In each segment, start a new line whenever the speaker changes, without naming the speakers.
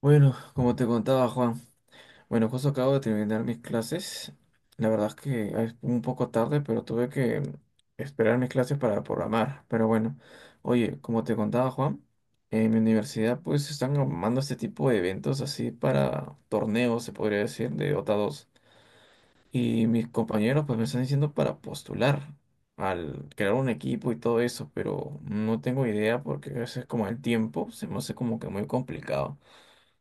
Bueno, como te contaba Juan, bueno, justo acabo de terminar mis clases. La verdad es que es un poco tarde, pero tuve que esperar mis clases para programar. Pero bueno, oye, como te contaba Juan, en mi universidad pues están armando este tipo de eventos así para torneos, se podría decir, de Dota 2. Y mis compañeros pues me están diciendo para postular, al crear un equipo y todo eso, pero no tengo idea porque a veces como el tiempo se me hace como que muy complicado.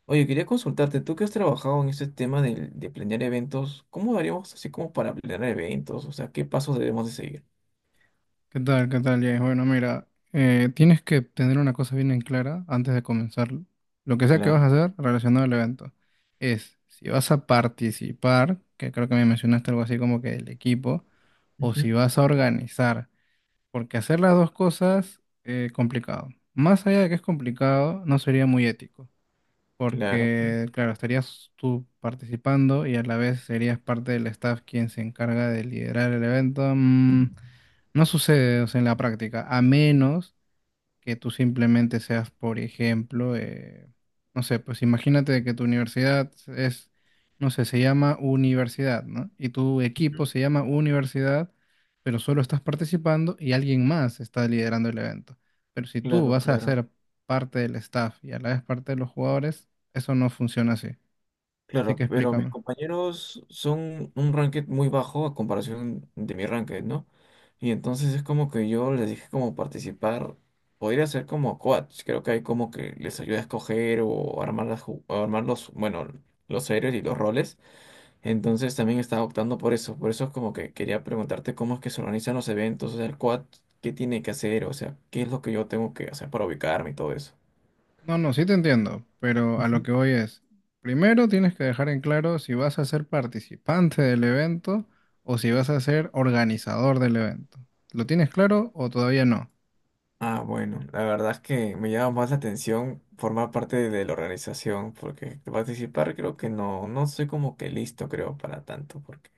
Oye, quería consultarte, tú que has trabajado en este tema de planear eventos, ¿cómo daríamos así como para planear eventos? O sea, ¿qué pasos debemos de seguir?
¿Qué tal? ¿Qué tal, Jay? Bueno, mira, tienes que tener una cosa bien en clara antes de comenzar. Lo que sea que vas a
Claro.
hacer relacionado al evento es si vas a participar, que creo que me mencionaste algo así como que del equipo, o si
Ujú.
vas a organizar, porque hacer las dos cosas es complicado. Más allá de que es complicado, no sería muy ético
Claro, claro.
porque, claro, estarías tú participando y a la vez serías parte del staff quien se encarga de liderar el evento. No sucede, o sea, en la práctica, a menos que tú simplemente seas, por ejemplo, no sé, pues imagínate de que tu universidad es, no sé, se llama universidad, ¿no? Y tu
Ujú.
equipo se llama universidad, pero solo estás participando y alguien más está liderando el evento. Pero si tú
Claro,
vas a
claro.
ser parte del staff y a la vez parte de los jugadores, eso no funciona así. Así
Claro,
que
pero mis
explícame.
compañeros son un ranked muy bajo a comparación de mi ranked, ¿no? Y entonces es como que yo les dije como participar, podría ser como coach, creo que hay como que les ayuda a escoger o armar las, armar los, bueno, los héroes y los roles. Entonces también estaba optando por eso. Por eso es como que quería preguntarte cómo es que se organizan los eventos, o sea, el quad, qué tiene que hacer, o sea, qué es lo que yo tengo que hacer para ubicarme y todo eso.
No, no, sí te entiendo, pero a lo
Ujú.
que voy es, primero tienes que dejar en claro si vas a ser participante del evento o si vas a ser organizador del evento. ¿Lo tienes claro o todavía no?
Ah, bueno, la verdad es que me llama más la atención formar parte de la organización, porque participar creo que no, no soy como que listo, creo, para tanto, porque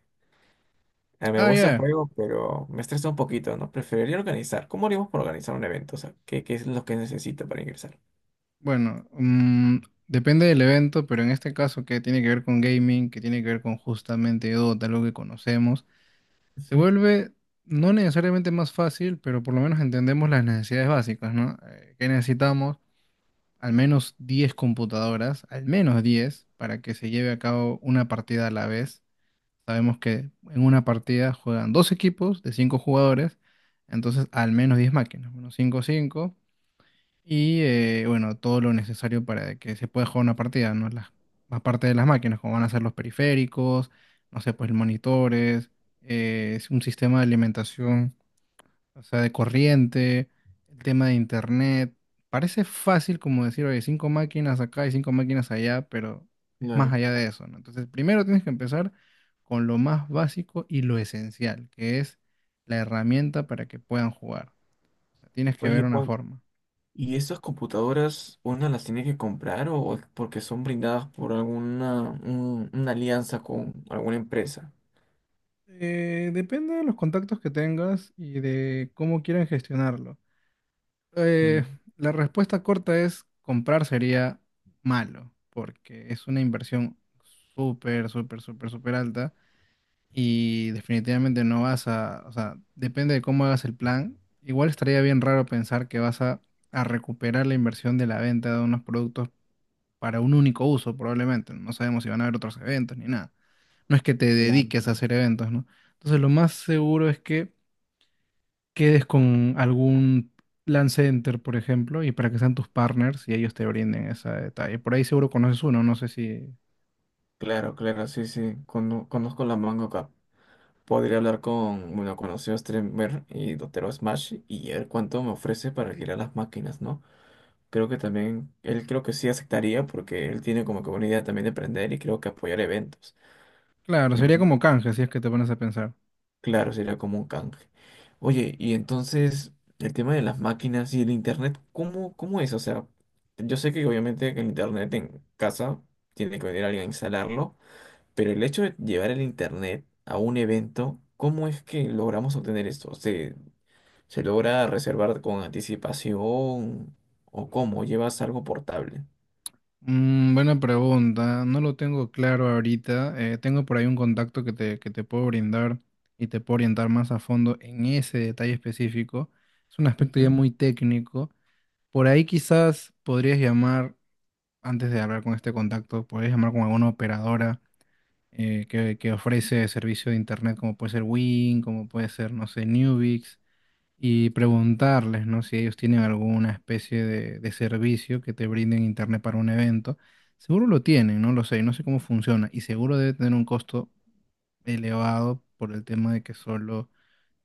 me
Ah,
gusta el
ya.
juego, pero me estresa un poquito, ¿no? Preferiría organizar. ¿Cómo haríamos para organizar un evento? O sea, ¿qué, qué es lo que necesito para ingresar?
Bueno, depende del evento, pero en este caso que tiene que ver con gaming, que tiene que ver con justamente Dota, algo que conocemos, se
Ujú.
vuelve no necesariamente más fácil, pero por lo menos entendemos las necesidades básicas, ¿no? ¿Qué necesitamos? Al menos 10 computadoras, al menos 10 para que se lleve a cabo una partida a la vez. Sabemos que en una partida juegan dos equipos de 5 jugadores, entonces al menos 10 máquinas, bueno, 5 5 y bueno, todo lo necesario para que se pueda jugar una partida, ¿no? Las, más parte de las máquinas, como van a ser los periféricos, no sé, pues monitores, es un sistema de alimentación o sea, de corriente, el tema de internet. Parece fácil como decir, oye, cinco máquinas acá y cinco máquinas allá, pero es más
Claro.
allá de eso, ¿no? Entonces, primero tienes que empezar con lo más básico y lo esencial, que es la herramienta para que puedan jugar. O sea, tienes que
Oye,
ver una
Juan,
forma.
¿y estas computadoras una las tiene que comprar o porque son brindadas por alguna una alianza con alguna empresa?
Depende de los contactos que tengas y de cómo quieran gestionarlo. Eh,
Mm.
la respuesta corta es comprar sería malo, porque es una inversión súper, súper, súper, súper alta y definitivamente no vas a, o sea, depende de cómo hagas el plan. Igual estaría bien raro pensar que vas a recuperar la inversión de la venta de unos productos para un único uso, probablemente. No sabemos si van a haber otros eventos ni nada. No es que te
Claro,
dediques a
claro.
hacer eventos, ¿no? Entonces lo más seguro es que quedes con algún plan center, por ejemplo, y para que sean tus partners y ellos te brinden ese detalle. Por ahí seguro conoces uno, no sé si...
Claro, claro, sí, sí. Conozco la manga acá. Podría hablar con, bueno, conocido streamer y Dotero Smash y ver cuánto me ofrece para alquilar las máquinas, ¿no? Creo que también, él creo que sí aceptaría porque él tiene como que una idea también de emprender y creo que apoyar eventos.
Claro, sería como canje si es que te pones a pensar.
Claro, sería como un canje. Oye, y entonces el tema de las máquinas y el internet, ¿cómo, cómo es? O sea, yo sé que obviamente que el internet en casa tiene que venir alguien a instalarlo, pero el hecho de llevar el internet a un evento, ¿cómo es que logramos obtener esto? ¿Se, se logra reservar con anticipación o cómo? ¿Llevas algo portable?
Mm, buena pregunta, no lo tengo claro ahorita. Tengo por ahí un contacto que te puedo brindar y te puedo orientar más a fondo en ese detalle específico. Es un aspecto ya
Ujú.
muy técnico. Por ahí quizás podrías llamar, antes de hablar con este contacto, podrías llamar con alguna operadora que ofrece servicio de internet como puede ser Wing, como puede ser, no sé, Nubix, y preguntarles, ¿no? Si ellos tienen alguna especie de servicio que te brinden internet para un evento. Seguro lo tienen, no lo sé, no sé cómo funciona, y seguro debe tener un costo elevado por el tema de que solo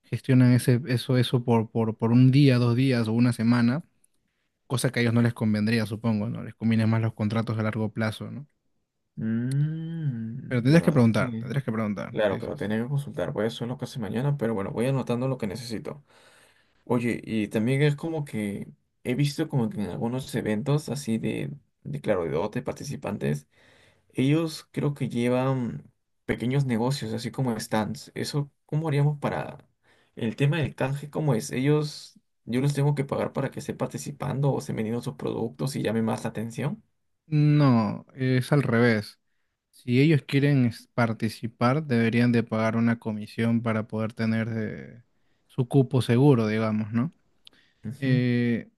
gestionan ese, eso por un día, dos días o una semana, cosa que a ellos no les convendría, supongo, ¿no? Les conviene más los contratos a largo plazo, ¿no? Pero
Mm, la
tendrías que
verdad es
preguntar,
que,
tendrías que preguntar.
claro,
Sí, sí,
pero
sí.
tenía que consultar, voy a hacer lo que hace mañana, pero bueno, voy anotando lo que necesito. Oye, y también es como que he visto como que en algunos eventos así de claro, de dote, participantes, ellos creo que llevan pequeños negocios, así como stands. Eso, ¿cómo haríamos para el tema del canje? ¿Cómo es? Ellos, yo los tengo que pagar para que estén participando o estén vendiendo sus productos y llame más la atención.
No, es al revés. Si ellos quieren participar, deberían de pagar una comisión para poder tener su cupo seguro, digamos, ¿no?
Ujú.
Eh,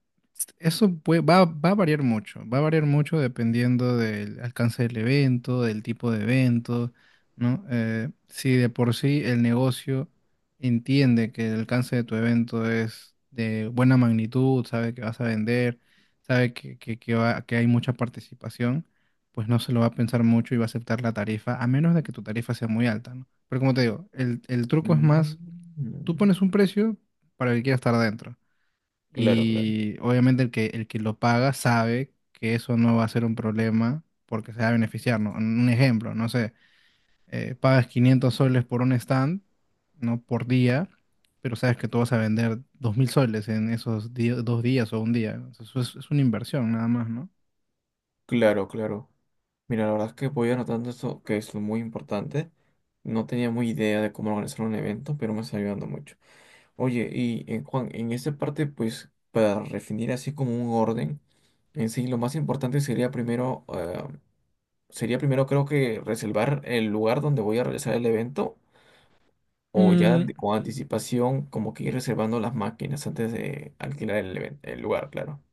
Eso va a variar mucho, va a variar mucho dependiendo del alcance del evento, del tipo de evento, ¿no? Si de por sí el negocio entiende que el alcance de tu evento es de buena magnitud, sabe que vas a vender, sabe que hay mucha participación, pues no se lo va a pensar mucho y va a aceptar la tarifa, a menos de que tu tarifa sea muy alta, ¿no? Pero como te digo, el truco es
Mm.
más, tú pones un precio para el que quiera estar adentro.
Claro, claro.
Y obviamente el que lo paga sabe que eso no va a ser un problema porque se va a beneficiar, ¿no? Un ejemplo, no sé, pagas 500 soles por un stand, ¿no? Por día, pero sabes que tú vas a vender 2.000 soles en esos dos días o un día. Entonces, eso es una inversión nada más, ¿no?
Claro, claro. Mira, la verdad es que voy anotando eso, que es muy importante. No tenía muy idea de cómo organizar un evento, pero me está ayudando mucho. Oye, y en Juan, en esta parte, pues, para definir así como un orden, en sí, lo más importante sería primero creo que reservar el lugar donde voy a realizar el evento, o ya
Mm,
con anticipación, como que ir reservando las máquinas antes de alquilar el, el lugar, claro.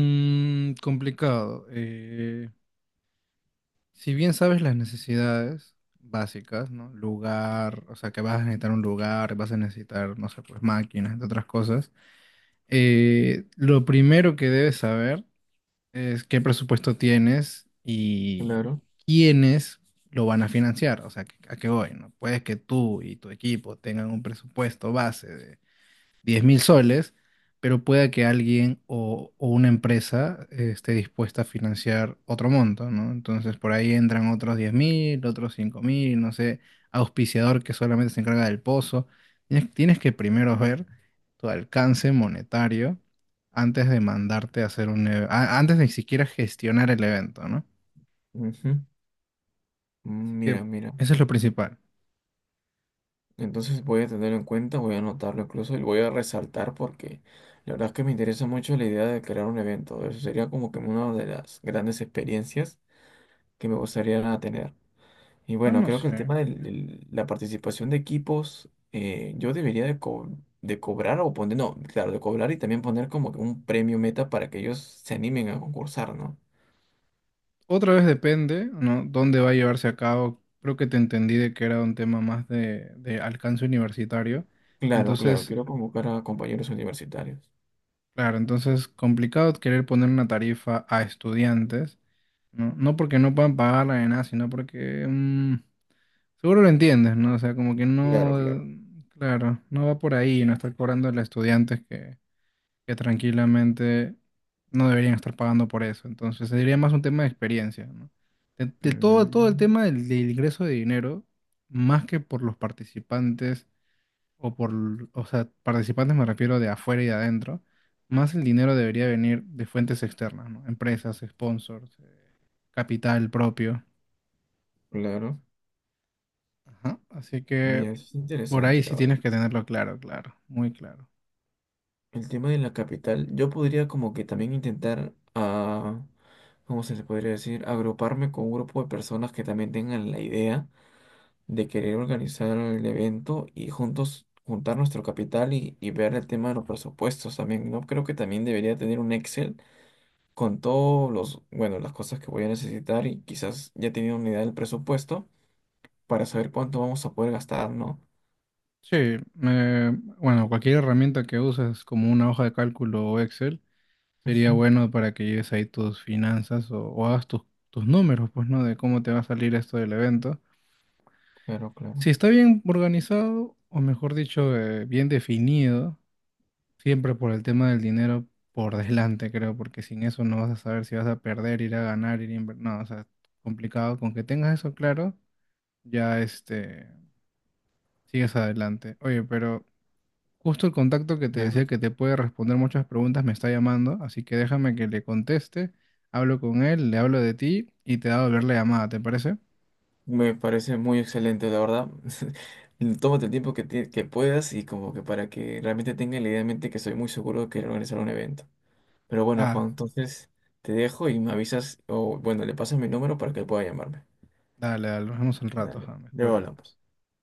complicado. Si bien sabes las necesidades básicas, ¿no? Lugar, o sea, que vas a necesitar un lugar, vas a necesitar, no sé, pues máquinas, entre otras cosas. Lo primero que debes saber es qué presupuesto tienes y
Claro.
quiénes lo van a financiar, o sea, a qué voy, ¿no? Puedes que tú y tu equipo tengan un presupuesto base 10.000 soles, pero pueda que alguien o una empresa esté dispuesta a financiar otro monto, ¿no? Entonces por ahí entran otros 10.000, otros 5.000, no sé, auspiciador que solamente se encarga del pozo. Tienes, tienes que primero ver tu alcance monetario antes de mandarte a hacer antes de siquiera gestionar el evento, ¿no? Así
Mm.
que
Mira, mira.
eso es lo principal.
Entonces voy a tenerlo en cuenta, voy a anotarlo incluso y lo voy a resaltar porque la verdad es que me interesa mucho la idea de crear un evento. Eso sería como que una de las grandes experiencias que me gustaría tener. Y
No,
bueno,
no
creo que el
sé.
tema de la participación de equipos, yo debería de, de cobrar o poner, no, claro, de cobrar y también poner como que un premio meta para que ellos se animen a concursar, ¿no?
Otra vez depende, ¿no? Dónde va a llevarse a cabo. Creo que te entendí de que era un tema más de alcance universitario.
Claro, claro,
Entonces,
quiero convocar a compañeros universitarios.
claro, entonces complicado querer poner una tarifa a estudiantes, ¿no? No porque no puedan pagarla ni nada, sino porque seguro lo entiendes, ¿no? O sea, como que
Claro,
no,
claro.
claro, no va por ahí, no estar cobrando a los estudiantes que tranquilamente no deberían estar pagando por eso. Entonces sería más un tema de experiencia, ¿no? De todo, todo el
Mm,
tema del, del ingreso de dinero, más que por los participantes, o por, o sea, participantes me refiero de afuera y de adentro, más el dinero debería venir de fuentes externas, ¿no? Empresas, sponsors, capital propio.
claro.
Ajá. Así que
Mira, eso es
por ahí
interesante, la
sí
verdad.
tienes que tenerlo claro, claro, muy claro.
El tema de la capital, yo podría como que también intentar, ah, ¿cómo se le podría decir? Agruparme con un grupo de personas que también tengan la idea de querer organizar el evento y juntos juntar nuestro capital y ver el tema de los presupuestos también, ¿no? Creo que también debería tener un Excel con todos los, bueno, las cosas que voy a necesitar y quizás ya teniendo una idea del presupuesto para saber cuánto vamos a poder gastar, ¿no?
Sí, me- bueno, cualquier herramienta que uses como una hoja de cálculo o Excel, sería
Ujú.
bueno para que lleves ahí tus finanzas o hagas tus, tus números, pues, ¿no? De cómo te va a salir esto del evento.
Claro, claro.
Si está bien organizado, o mejor dicho, bien definido, siempre por el tema del dinero por delante, creo, porque sin eso no vas a saber si vas a perder, ir a ganar, ir a invertir. No, o sea, complicado. Con que tengas eso claro, ya este, sigues adelante. Oye, pero justo el contacto que te
Ya.
decía que te puede responder muchas preguntas me está llamando, así que déjame que le conteste, hablo con él, le hablo de ti y te da a volver la llamada, ¿te parece?
Me parece muy excelente, la verdad. Tómate el tiempo que, que puedas y como que para que realmente tengan la idea en mente que estoy muy seguro de que organizar un evento. Pero bueno,
Ah,
Juan, entonces te dejo y me avisas, o bueno, le pasas mi número para que pueda llamarme.
dale, dale, nos vemos al rato,
Dale,
James,
luego
cuídate.
hablamos.